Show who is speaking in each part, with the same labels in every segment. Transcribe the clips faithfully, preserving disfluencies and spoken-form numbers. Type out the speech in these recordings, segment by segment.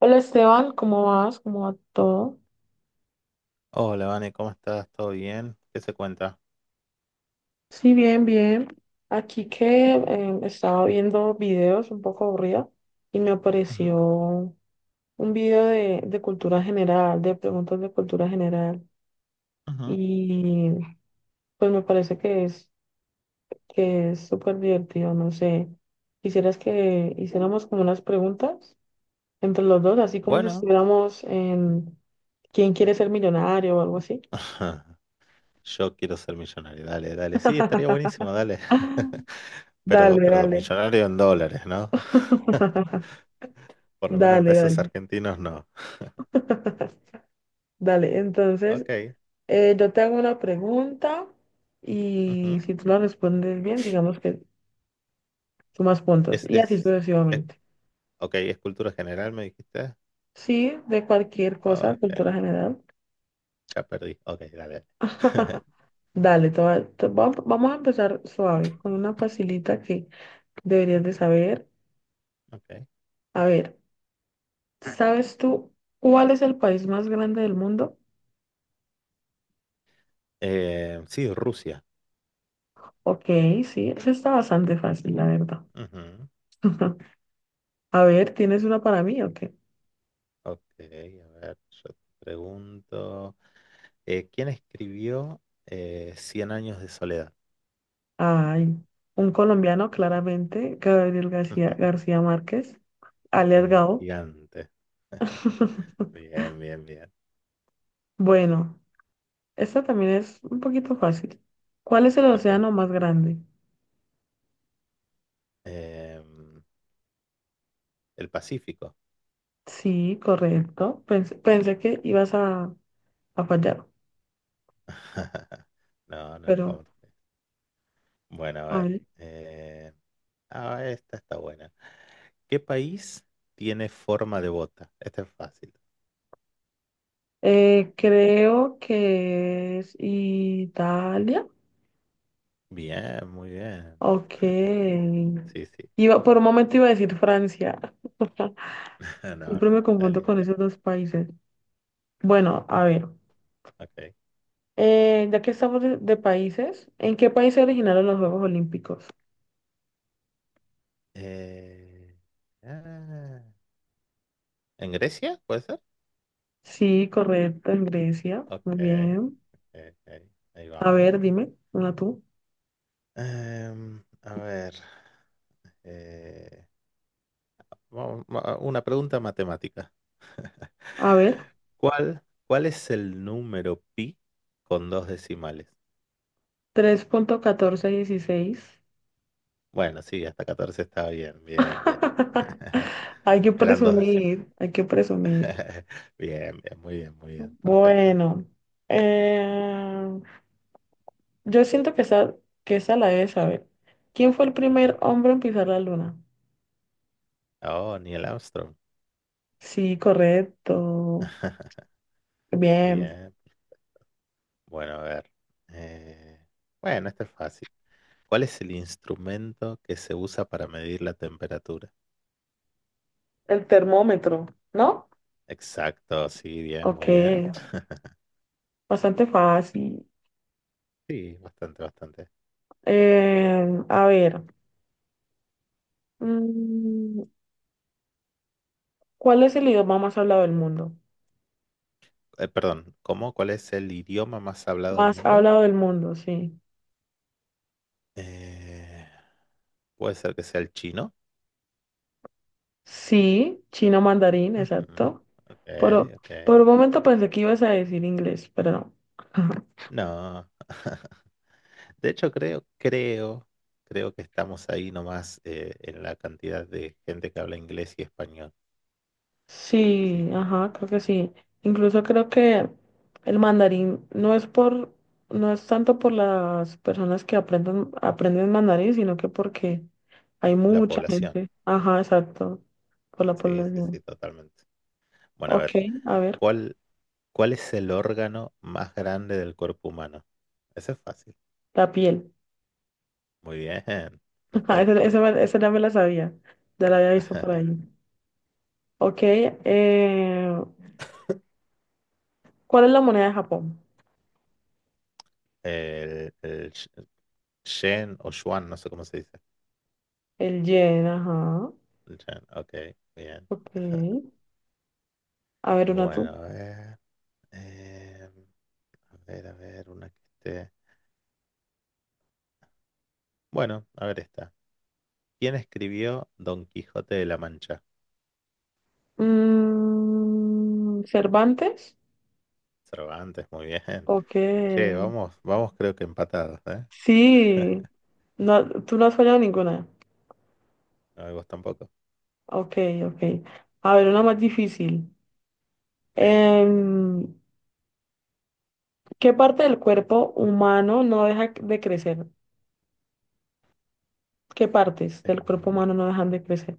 Speaker 1: Hola Esteban, ¿cómo vas? ¿Cómo va todo?
Speaker 2: Hola, Vane, ¿cómo estás? ¿Todo bien? ¿Qué se cuenta?
Speaker 1: Sí, bien, bien. Aquí que eh, estaba viendo videos un poco aburrida y me
Speaker 2: Ujú,
Speaker 1: apareció un video de, de cultura general, de preguntas de cultura general.
Speaker 2: ujú.
Speaker 1: Y pues me parece que es que es súper divertido, no sé. ¿Quisieras que hiciéramos como unas preguntas entre los dos, así como si
Speaker 2: Bueno,
Speaker 1: estuviéramos en ¿Quién quiere ser millonario o algo así?
Speaker 2: yo quiero ser millonario. Dale, dale. Sí, estaría buenísimo, dale. Pero,
Speaker 1: Dale,
Speaker 2: pero
Speaker 1: dale.
Speaker 2: millonario en dólares, ¿no? Por lo menos en
Speaker 1: Dale,
Speaker 2: pesos
Speaker 1: dale.
Speaker 2: argentinos no.
Speaker 1: Dale, entonces
Speaker 2: Ok.
Speaker 1: eh, yo te hago una pregunta y
Speaker 2: Ujú.
Speaker 1: si tú la respondes bien, digamos que sumas puntos
Speaker 2: Es,
Speaker 1: y así
Speaker 2: es, es,
Speaker 1: sucesivamente.
Speaker 2: ok, es cultura general, me dijiste.
Speaker 1: Sí, de cualquier cosa,
Speaker 2: Ok,
Speaker 1: cultura general.
Speaker 2: ya perdí. Ok, dale. dale.
Speaker 1: Dale, te va- te va- vamos a empezar suave con una facilita que deberías de saber.
Speaker 2: Ok.
Speaker 1: A ver, ¿sabes tú cuál es el país más grande del mundo?
Speaker 2: Eh, sí, Rusia.
Speaker 1: Ok, sí, eso está bastante fácil, la verdad.
Speaker 2: Ujú.
Speaker 1: A ver, ¿tienes una para mí o qué?
Speaker 2: Ok, a ver, yo te pregunto. Eh, ¿quién escribió eh, Cien años de soledad?
Speaker 1: Ay, un colombiano, claramente, Gabriel García, García Márquez, alias
Speaker 2: Un
Speaker 1: Gabo.
Speaker 2: gigante. Bien, bien, bien.
Speaker 1: Bueno, esta también es un poquito fácil. ¿Cuál es el
Speaker 2: Ok.
Speaker 1: océano más grande?
Speaker 2: Em, el Pacífico.
Speaker 1: Sí, correcto. Pensé, pensé que ibas a, a fallar,
Speaker 2: No, no,
Speaker 1: pero
Speaker 2: ¿cómo te- Bueno, a
Speaker 1: a
Speaker 2: ver.
Speaker 1: ver.
Speaker 2: eh, ah, esta está buena. ¿Qué país tiene forma de bota? Esta es fácil.
Speaker 1: Eh, creo que es Italia.
Speaker 2: Bien, muy bien.
Speaker 1: Ok.
Speaker 2: Sí, sí.
Speaker 1: Iba, por un momento iba a decir Francia.
Speaker 2: No,
Speaker 1: Siempre
Speaker 2: no,
Speaker 1: me confundo
Speaker 2: Italia,
Speaker 1: con
Speaker 2: Italia.
Speaker 1: esos dos países. Bueno, a ver.
Speaker 2: Ok.
Speaker 1: Eh, ya que estamos de, de países, ¿en qué país se originaron los Juegos Olímpicos?
Speaker 2: Eh, ah, ¿en Grecia? ¿Puede ser?
Speaker 1: Sí, correcto, en Grecia. Muy
Speaker 2: Ok,
Speaker 1: bien.
Speaker 2: ok, ok. Ahí
Speaker 1: A
Speaker 2: vamos.
Speaker 1: ver, dime, una tú.
Speaker 2: Em, a ver, eh, vamos- ma- ah, una pregunta matemática.
Speaker 1: A ver,
Speaker 2: ¿Cuál, cuál es el número pi con dos decimales?
Speaker 1: tres punto catorce dieciséis.
Speaker 2: Bueno, sí, hasta catorce está bien, bien, bien.
Speaker 1: Hay que
Speaker 2: Eran dos decimales.
Speaker 1: presumir, hay que presumir.
Speaker 2: Bien, bien, muy bien, muy bien, perfecto.
Speaker 1: Bueno, eh, yo siento que esa, que esa la debes saber. ¿Quién fue el primer
Speaker 2: ¿Ok?
Speaker 1: hombre en pisar la luna?
Speaker 2: Oh, Neil Armstrong.
Speaker 1: Sí, correcto. Bien.
Speaker 2: Bien. Bueno, a ver. eh, bueno, este es fácil. ¿Cuál es el instrumento que se usa para medir la temperatura?
Speaker 1: El termómetro, ¿no?
Speaker 2: Exacto, sí, bien,
Speaker 1: Ok.
Speaker 2: muy bien.
Speaker 1: Bastante fácil.
Speaker 2: Sí, bastante, bastante.
Speaker 1: Eh, a ver, mm, ¿cuál es el idioma más hablado del mundo?
Speaker 2: Eh, perdón, ¿cómo? ¿Cuál es el idioma más hablado del
Speaker 1: Más
Speaker 2: mundo?
Speaker 1: hablado del mundo, sí.
Speaker 2: Eh, puede ser que sea el chino.
Speaker 1: Sí, chino mandarín,
Speaker 2: Ujú.
Speaker 1: exacto.
Speaker 2: Ok,
Speaker 1: Pero
Speaker 2: ok.
Speaker 1: por un momento pensé que ibas a decir inglés, pero no.
Speaker 2: No. De hecho, creo, creo, creo que estamos ahí nomás eh, en la cantidad de gente que habla inglés y español. Así
Speaker 1: Sí,
Speaker 2: que
Speaker 1: ajá, creo que sí. Incluso creo que el mandarín no es por, no es tanto por las personas que aprenden, aprenden mandarín, sino que porque hay
Speaker 2: la
Speaker 1: mucha
Speaker 2: población.
Speaker 1: gente. Ajá, exacto, por la
Speaker 2: Sí, sí,
Speaker 1: población.
Speaker 2: sí, totalmente. Bueno, a
Speaker 1: Ok,
Speaker 2: ver,
Speaker 1: a ver,
Speaker 2: ¿cuál, cuál es el órgano más grande del cuerpo humano? Ese es fácil.
Speaker 1: la piel.
Speaker 2: Muy bien,
Speaker 1: Ajá, Esa,
Speaker 2: perfecto.
Speaker 1: esa, me- esa ya me la sabía, ya la había visto por ahí. Ok, eh, ¿cuál es la moneda de Japón?
Speaker 2: El, el Sh- Shen o Xuan, no sé cómo se dice.
Speaker 1: El yen, ajá.
Speaker 2: El Shen, ok, bien.
Speaker 1: Ok, a ver, una
Speaker 2: Bueno,
Speaker 1: tú.
Speaker 2: a ver. eh, a ver, a ver, una que esté. Bueno, a ver esta. ¿Quién escribió Don Quijote de la Mancha?
Speaker 1: Mm, Cervantes.
Speaker 2: Cervantes, muy bien.
Speaker 1: Ok,
Speaker 2: Che, vamos, vamos, creo que empatados, ¿eh?
Speaker 1: sí, no, tú no has fallado ninguna.
Speaker 2: No, vos tampoco. Ok.
Speaker 1: Ok, ok. A ver, una más difícil.
Speaker 2: Eh,
Speaker 1: Em, ¿qué parte del cuerpo humano no deja de crecer? ¿Qué partes del cuerpo humano no dejan de crecer?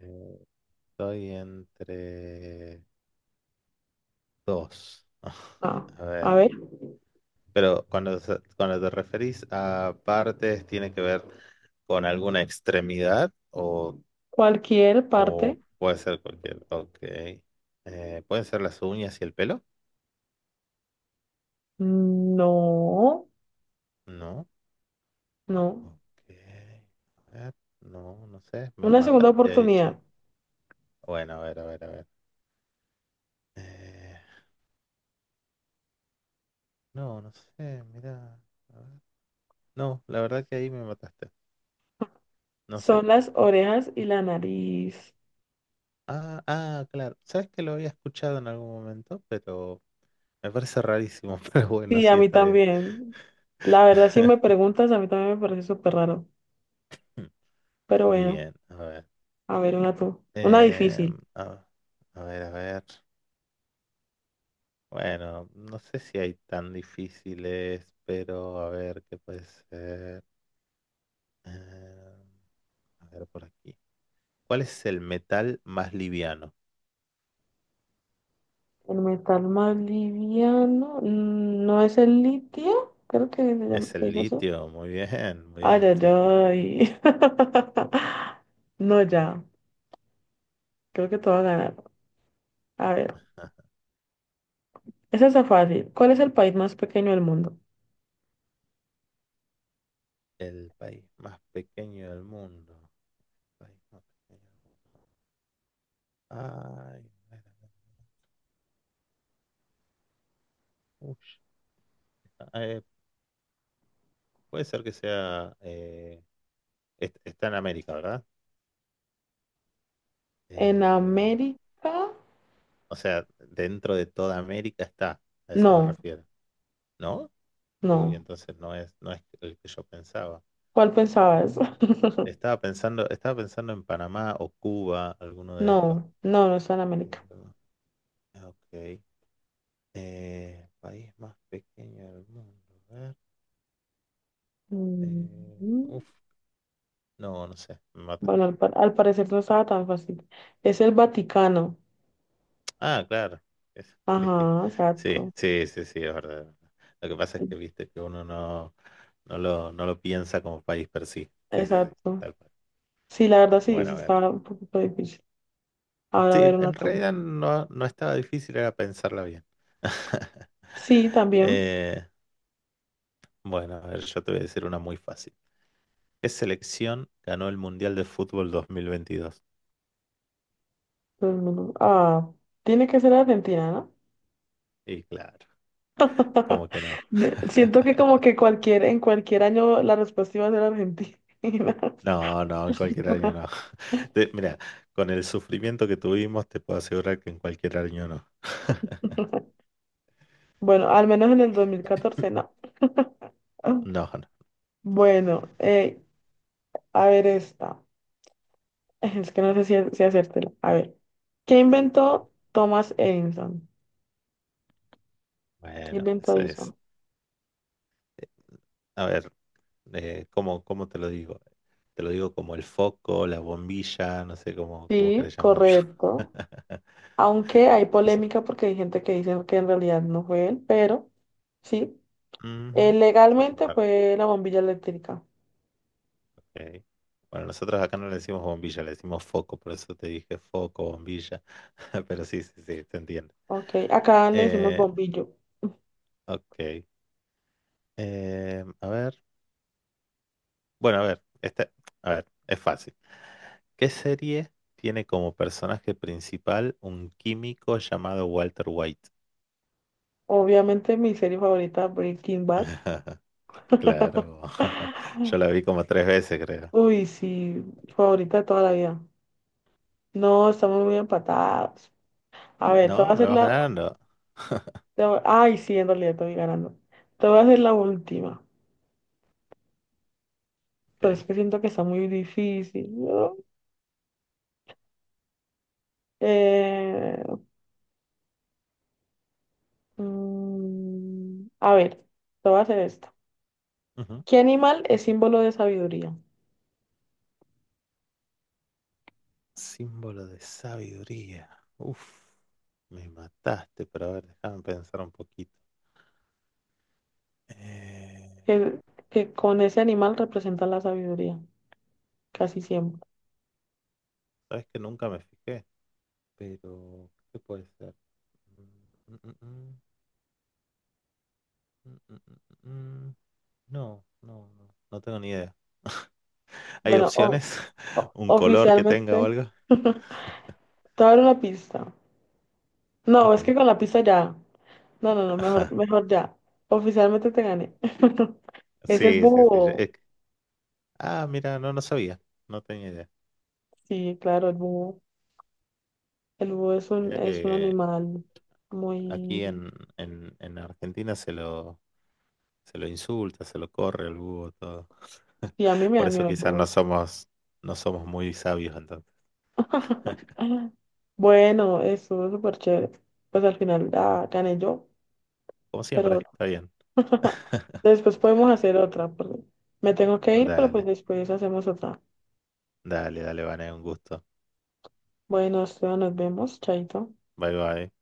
Speaker 2: eh, estoy entre dos.
Speaker 1: Ah,
Speaker 2: A ver.
Speaker 1: a ver,
Speaker 2: Pero cuando, se- cuando te referís a partes, ¿tiene que ver con alguna extremidad o,
Speaker 1: cualquier parte.
Speaker 2: o puede ser cualquier? Ok. Eh, ¿pueden ser las uñas y el pelo?
Speaker 1: No,
Speaker 2: No.
Speaker 1: no.
Speaker 2: Ok. A ver, no, no sé. Me
Speaker 1: Una segunda
Speaker 2: mataste ahí, che.
Speaker 1: oportunidad.
Speaker 2: Bueno, a ver, a ver, a ver. Eh, no, no sé. Mira. A ver. No, la verdad que ahí me mataste. No sé.
Speaker 1: Son las orejas y la nariz.
Speaker 2: Ah, ah, claro. ¿Sabes que lo había escuchado en algún momento? Pero me parece rarísimo. Pero bueno,
Speaker 1: Sí,
Speaker 2: sí,
Speaker 1: a mí
Speaker 2: está bien.
Speaker 1: también. La verdad, si me preguntas, a mí también me parece súper raro. Pero bueno,
Speaker 2: Bien, a ver.
Speaker 1: a ver, una tú. Una
Speaker 2: Eh,
Speaker 1: difícil.
Speaker 2: a, a ver, a ver. Bueno, no sé si hay tan difíciles, pero a ver qué puede ser. Eh, a ver por aquí. ¿Cuál es el metal más liviano?
Speaker 1: El metal más liviano, mm, no, es el litio, creo que se llama,
Speaker 2: Es
Speaker 1: se
Speaker 2: el
Speaker 1: dice eso.
Speaker 2: litio, muy bien, muy
Speaker 1: Ay,
Speaker 2: bien,
Speaker 1: ay,
Speaker 2: sí, sí.
Speaker 1: ay. No, ya. Creo que te voy a ganar. A ver. Esa está fácil. ¿Cuál es el país más pequeño del mundo?
Speaker 2: El país más pequeño del mundo. País más pequeño del mundo. Ay, a ver, a ver. Ush. Eh, puede ser que sea... eh, est- está en América, ¿verdad?
Speaker 1: ¿En
Speaker 2: Eh,
Speaker 1: América?
Speaker 2: O sea, dentro de toda América está, a eso me
Speaker 1: No,
Speaker 2: refiero, ¿no? Uy,
Speaker 1: no.
Speaker 2: entonces no es, no es el que yo pensaba.
Speaker 1: ¿Cuál pensabas?
Speaker 2: Estaba pensando, estaba pensando en Panamá o Cuba, alguno de esos.
Speaker 1: No, no, no está en
Speaker 2: Pero,
Speaker 1: América.
Speaker 2: ah, ok. Eh, país más pequeño del mundo. A ver.
Speaker 1: Mm,
Speaker 2: eh, uf, no, no sé, me
Speaker 1: Bueno,
Speaker 2: mataste.
Speaker 1: al, pa- al parecer no estaba tan fácil. Es el Vaticano.
Speaker 2: Ah, claro. es-
Speaker 1: Ajá,
Speaker 2: Sí,
Speaker 1: exacto.
Speaker 2: sí, sí, sí, es verdad. Es verdad. Lo que pasa es que viste que uno no, no lo, no lo piensa como país per sí. Sí, sí, sí,
Speaker 1: Exacto.
Speaker 2: tal cual.
Speaker 1: Sí, la verdad sí,
Speaker 2: Bueno,
Speaker 1: sí
Speaker 2: a ver.
Speaker 1: estaba un poquito difícil. Ahora a
Speaker 2: Sí,
Speaker 1: ver una
Speaker 2: en
Speaker 1: toma.
Speaker 2: realidad no, no estaba difícil, era pensarla bien.
Speaker 1: Sí, también.
Speaker 2: Eh, bueno, a ver, yo te voy a decir una muy fácil. ¿Qué selección ganó el Mundial de Fútbol dos mil veintidós?
Speaker 1: Todo el mundo- Ah, tiene que ser Argentina, ¿no?
Speaker 2: Y claro, ¿cómo que no?
Speaker 1: De- Siento que como que cualquier, en cualquier año la respuesta iba a ser Argentina.
Speaker 2: No, no, en cualquier año no. Te- mira, con el sufrimiento que tuvimos, te puedo asegurar que en cualquier año no.
Speaker 1: Bueno, al menos en el dos mil catorce, no. Ah,
Speaker 2: No, no.
Speaker 1: bueno, eh, a ver esta. Es que no sé si, si hacértela. A ver. ¿Qué inventó Thomas Edison? ¿Qué
Speaker 2: Bueno,
Speaker 1: inventó
Speaker 2: eso es.
Speaker 1: Edison?
Speaker 2: eh, A ver, eh, ¿cómo, cómo te lo digo? Te lo digo como el foco, la bombilla, no sé cómo, cómo
Speaker 1: Sí,
Speaker 2: querés llamarlo.
Speaker 1: correcto. Aunque hay
Speaker 2: Noso-
Speaker 1: polémica porque hay gente que dice que en realidad no fue él, pero sí. Eh,
Speaker 2: Ujú. Sí, sí,
Speaker 1: legalmente
Speaker 2: para-
Speaker 1: fue la bombilla eléctrica.
Speaker 2: ok. Bueno, nosotros acá no le decimos bombilla, le decimos foco, por eso te dije foco, bombilla, pero sí, sí, sí, te entiendo.
Speaker 1: Ok, acá le decimos
Speaker 2: Eh,
Speaker 1: bombillo.
Speaker 2: ok. Eh, a ver. Bueno, a ver, este, a ver, es fácil. ¿Qué serie tiene como personaje principal un químico llamado Walter White?
Speaker 1: Obviamente mi serie favorita, Breaking Bad.
Speaker 2: Claro, yo la vi como tres veces, creo.
Speaker 1: Uy, sí, favorita de toda la vida. No, estamos muy empatados. A ver, te voy a
Speaker 2: No, me
Speaker 1: hacer
Speaker 2: vas
Speaker 1: la...
Speaker 2: ganando.
Speaker 1: te voy- ay, sí, en realidad estoy ganando. Te voy a hacer la última. Pero es
Speaker 2: Ok.
Speaker 1: que siento que está muy difícil, ¿no? Eh, mm, a ver, te voy a hacer esto.
Speaker 2: Ujú.
Speaker 1: ¿Qué animal es símbolo de sabiduría?
Speaker 2: Símbolo de sabiduría. Uf, me mataste, pero a ver, déjame pensar un poquito. Eh,
Speaker 1: Que, que con ese animal representa la sabiduría, casi siempre.
Speaker 2: sabes que nunca me fijé, pero ¿qué puede ser? Mm, mm, mm, mm, mm, mm, mm. Mm. No, no, no, no tengo ni idea. ¿Hay
Speaker 1: Bueno, o-
Speaker 2: opciones?
Speaker 1: O-
Speaker 2: ¿Un color que tenga o
Speaker 1: oficialmente.
Speaker 2: algo?
Speaker 1: Te voy a dar una pista. No, es
Speaker 2: Ok.
Speaker 1: que con la pista ya. No, no, no, mejor,
Speaker 2: Ajá.
Speaker 1: mejor ya. Oficialmente te gané. Es el
Speaker 2: Sí, sí, sí. yo-
Speaker 1: búho.
Speaker 2: eh, ah, mira, no, no sabía. No tenía idea.
Speaker 1: Sí, claro, el búho. El búho es un,
Speaker 2: Mira
Speaker 1: es un
Speaker 2: que
Speaker 1: animal
Speaker 2: aquí
Speaker 1: muy...
Speaker 2: en, en, en Argentina se lo, se lo insulta, se lo corre el búho, todo.
Speaker 1: Sí, a mí me
Speaker 2: Por
Speaker 1: da
Speaker 2: eso
Speaker 1: miedo el
Speaker 2: quizás no
Speaker 1: búho.
Speaker 2: somos, no somos muy sabios entonces.
Speaker 1: Bueno, estuvo súper chévere. Pues al final ah, gané yo,
Speaker 2: Como siempre,
Speaker 1: pero
Speaker 2: está bien.
Speaker 1: después podemos hacer otra, porque me tengo que ir, pero pues
Speaker 2: Dale,
Speaker 1: después hacemos otra.
Speaker 2: dale, dale, Vané, un gusto.
Speaker 1: Bueno, Esteban, nos vemos, chaito.
Speaker 2: Bye bye.